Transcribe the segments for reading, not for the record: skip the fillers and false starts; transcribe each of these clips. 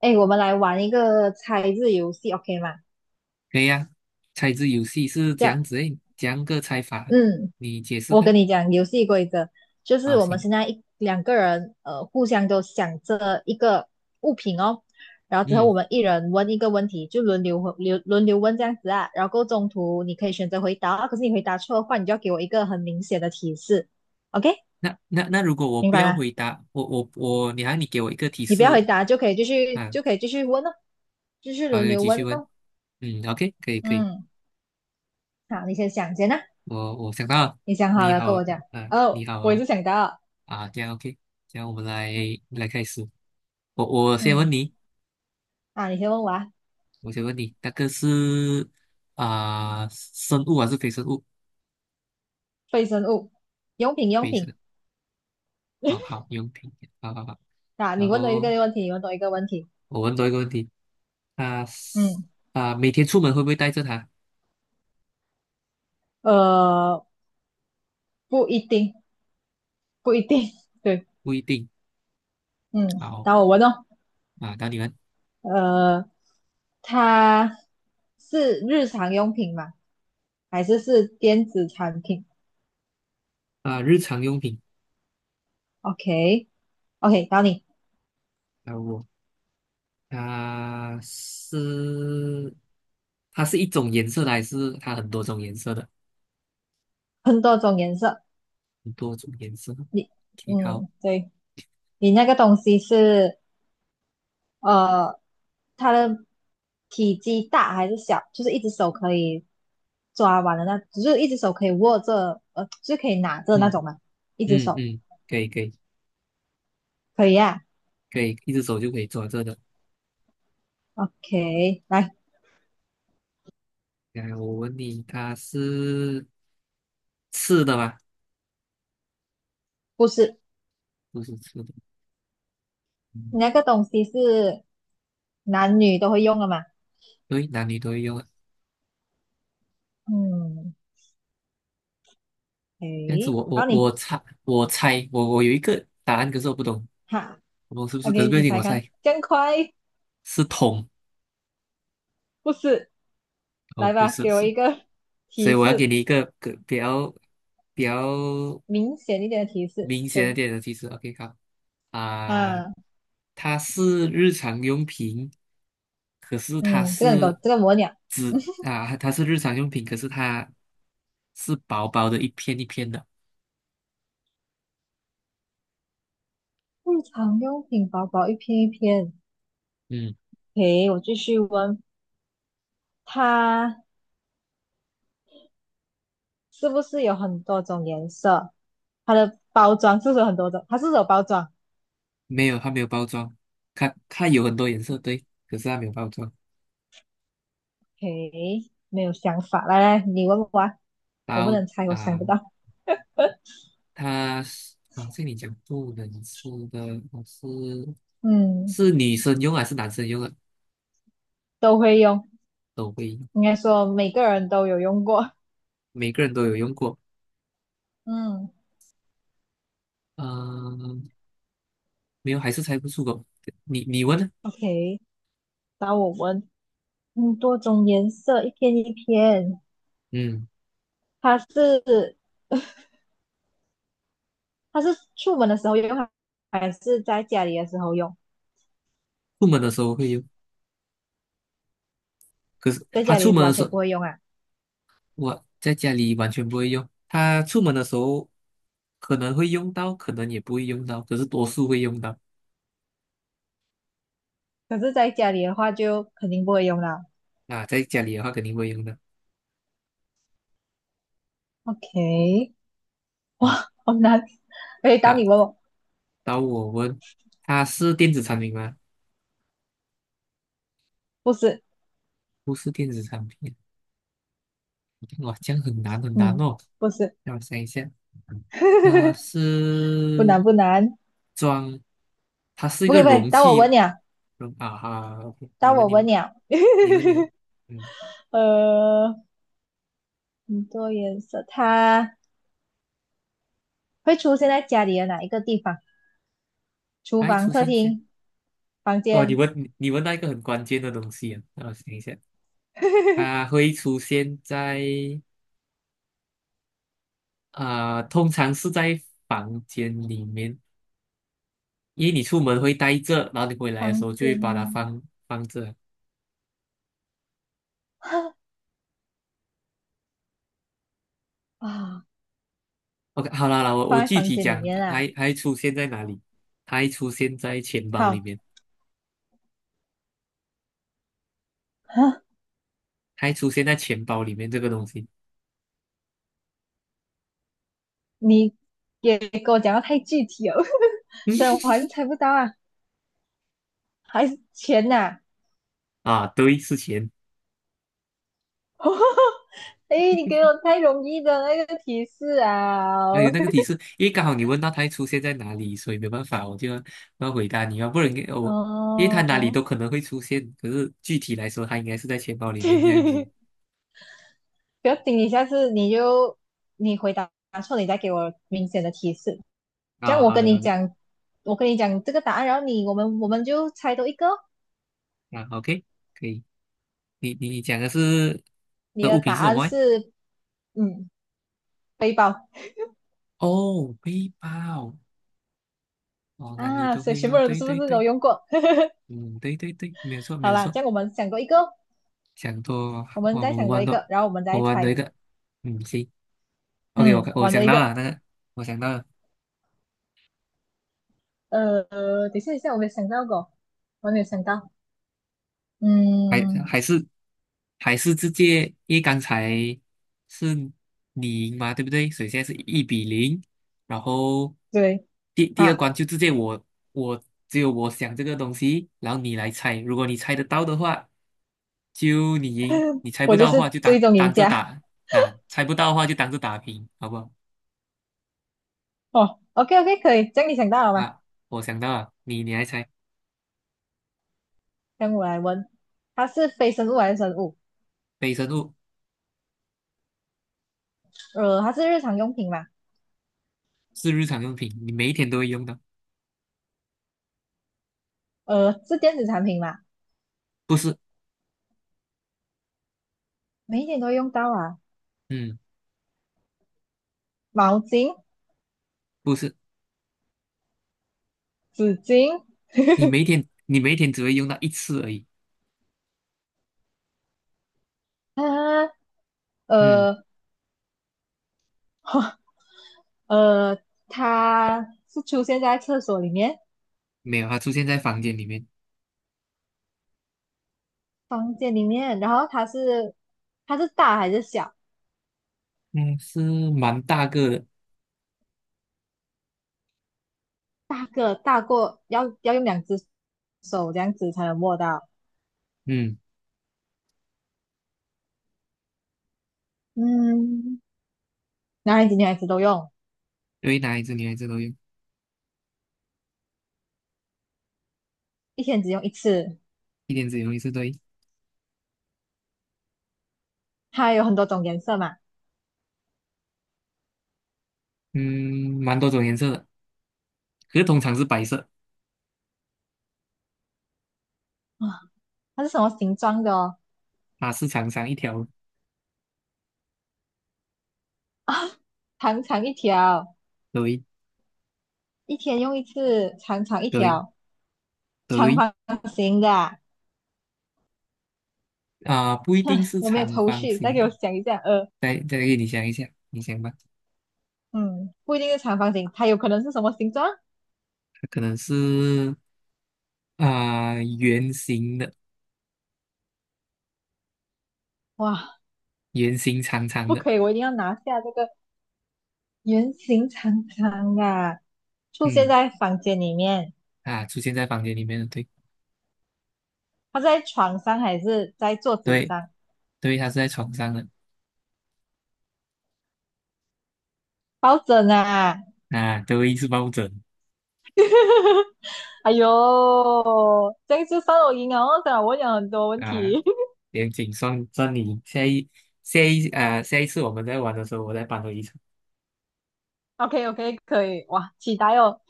哎，我们来玩一个猜字游戏，OK 吗？可以呀、猜字游戏是这这样，样子诶，这样个猜法，嗯，你解释我跟看你讲游戏规则，就是啊？我们行，现在一两个人，互相都想着一个物品哦，然后之后我嗯，们一人问一个问题，就轮流问这样子啊，然后过后中途你可以选择回答啊，可是你回答错的话，你就要给我一个很明显的提示，OK？那如果我明不白要吗？回答，我，你给我一个提你不要回示答啊？就可以继续问哦，继续好，轮你流继续问问。哦。嗯，OK，可以可以，嗯，好，你先想先啊。我想到了，你想好你了好跟我讲。啊，你哦，好我也啊，是想到，啊，这样 OK，这样我们来开始。我先嗯，问你，啊，你先问我啊。我先问你，那个是生物还是非生物？非生物、用品、用非品生。哦，好，用品，好好好。啊，你然问多一个后问题，你问多一个问题。我问多一个问题，啊嗯，每天出门会不会带着它？呃，不一定，不一定，对，不一定。嗯，好然后我问哦，啊，到你们呃，它是日常用品吗？还是是电子产品啊，日常用品？OK，OK，然后你啊，我啊是它是一种颜色的，还是它很多种颜色的？很多种颜色，很多种颜色。你，OK，好，嗯，对，你那个东西是呃，它的体积大还是小，就是一只手可以抓完的那，只是一只手可以握着，就是可以拿着那嗯种嘛，一只嗯手嗯，可以可以可以啊。可以，一只手就可以抓着的。OK，来，来，我问你，它是吃的吗？不是，不是吃的，嗯，你那个东西是男女都会用的嘛？对，男女都会用啊。嗯，这样子诶，我我然后我你猜我猜我我有一个答案，可是我不懂哈我是不是？可是，OK，不要你紧，猜我看，猜真样快，是通不是，哦，来不吧，是给我是，一个所以提我要给示，你一个比较明显一点的提示，明显一对，点的提示啊。OK，好啊，啊，它是日常用品，可是它嗯，这个你给我，是这个我鸟。纸啊，它是日常用品，可是它是薄薄的一片一片的，日常用品薄薄一片一片，嗯，诶，我继续问，它是不是有很多种颜色？它的包装是不是有很多种？它是不是有包装？没有，它没有包装，它有很多颜色，对，可是它没有包装。诶，没有想法，来来，你问我啊，我然不后能猜，我想啊。不到。它是啊，这里讲不能吃的，它是嗯，是女生用还是男生用啊？都会用，都会用，应该说每个人都有用过。每个人都有用过。嗯嗯、没有，还是猜不出口。你问呢？，OK，那我问，嗯，多种颜色，一片一片，嗯，它是它是出门的时候用，还是在家里的时候用？出门的时候会用，可是在他家出里门的完时全候，不会用啊。我在家里完全不会用。他出门的时候可能会用到，可能也不会用到，可是多数会用到。可是在家里的话就肯定不会用了。啊，在家里的话肯定会用到。OK，嗯，哇，好难。哎，当那你问我，到我问，它是电子产品吗？不是，不是电子产品。哇，这样很难很难嗯，哦。不是，让我想一下，它 不是难不难，装，它是一不个可以不可以。容器啊哈，OK，你当我问你问问，鸟，你问你问，嗯，呃，很多颜色，它会出现在家里的哪一个地方？厨它会房、出客现在厅、房哦，你间，问你你问到一个很关键的东西啊，让我想一下，它 会出现在通常是在房间里面，因为你出门会带着，然后你回来的时候房就会间 把它放着，啊 OK，好啦啦，我 我放在具房体间里讲，面它啊。还还出现在哪里？它还出现在钱包里好，面，哈，它还出现在钱包里面这个东西你也给我讲的太具体了。所以我还是猜不到啊，还是钱呐、啊 啊，对，是钱。哎，你给我太容易的那个提示啊！还有那个提示，因为刚好你问到它还出现在哪里，所以没办法，我就要回答你要不然给 我，因为它哪里哦，都可能会出现，可是具体来说，它应该是在钱包里面这样子 不要紧，你下次你就你回答错，你再给我明显的提示。这样啊。我好跟的，你好的，讲，我跟你讲这个答案，然后你我们就猜多一个哦啊，OK，可以。你讲的是你的的物品答是什案么诶是嗯背包哦，背包，哦，男女啊，都所以会全部用，人对是不对是都对。用过？嗯，对对对，没有错 没好有啦，错，这样我们想多一个哦想多我们哇，我再们想多玩一多，个，然后我们我再玩多一猜。个，嗯，行，OK，我嗯，看我玩多想一到个。了那个，我想到了，呃，等一下，等一下，我没有想到过，我没有想到。还嗯，还是还是直接，因为刚才是你赢嘛，对不对？所以现在是一比零，然后对，第二啊，关就直接我只有我想这个东西，然后你来猜，如果你猜得到的话，就你赢；你猜不我就到的话是就最当终赢当着家。打啊，猜不到的话就当着打平，好不好？哦，OK OK，可以，这样你想到了吗？啊，我想到了，你来猜，让我来问，它是非生物还是生物？非生物它是日常用品嘛？是日常用品，你每一天都会用到，是电子产品嘛？不是？每一天都会用到啊，嗯，毛巾、不是，纸巾你每一天只会用到一次而已。啊，嗯，呃呃，它是出现在厕所里面、没有，它出现在房间里面，房间里面，然后它是大还是小？嗯，是蛮大个的，大个大过，要用两只手这样子才能握到。嗯，嗯，男孩子女孩子都用，对，男孩子女孩子都用，一天只用一次。一天只用一次对，它有很多种颜色嘛，嗯，蛮多种颜色的，可是通常是白色，啊，它是什么形状的哦？它是长长一条，啊，长长一条，对一天用一次，长长一对条，长对，方形的啊不一定哼，是我没有长头方绪，再形给的，我想一下。再给你想一下，你想吧，嗯，不一定是长方形，它有可能是什么形状？可能是。圆形的，哇，圆形长长不的，可以，我一定要拿下这个圆形长长的啊出现嗯在房间里面。啊，出现在房间里面的，对他在床上还是在桌子对上对，它是在床上的抱枕啊？啊，对，是抱枕 哎呦，这样就算我赢了哦，虽然我讲很多问啊，题。严谨算算你下一次我们在玩的时候，我再搬回一场。OK OK，可以哇，期待哦。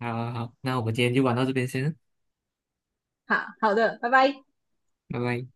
好好好，那我们今天就玩到这边先，好好的，拜拜。拜拜。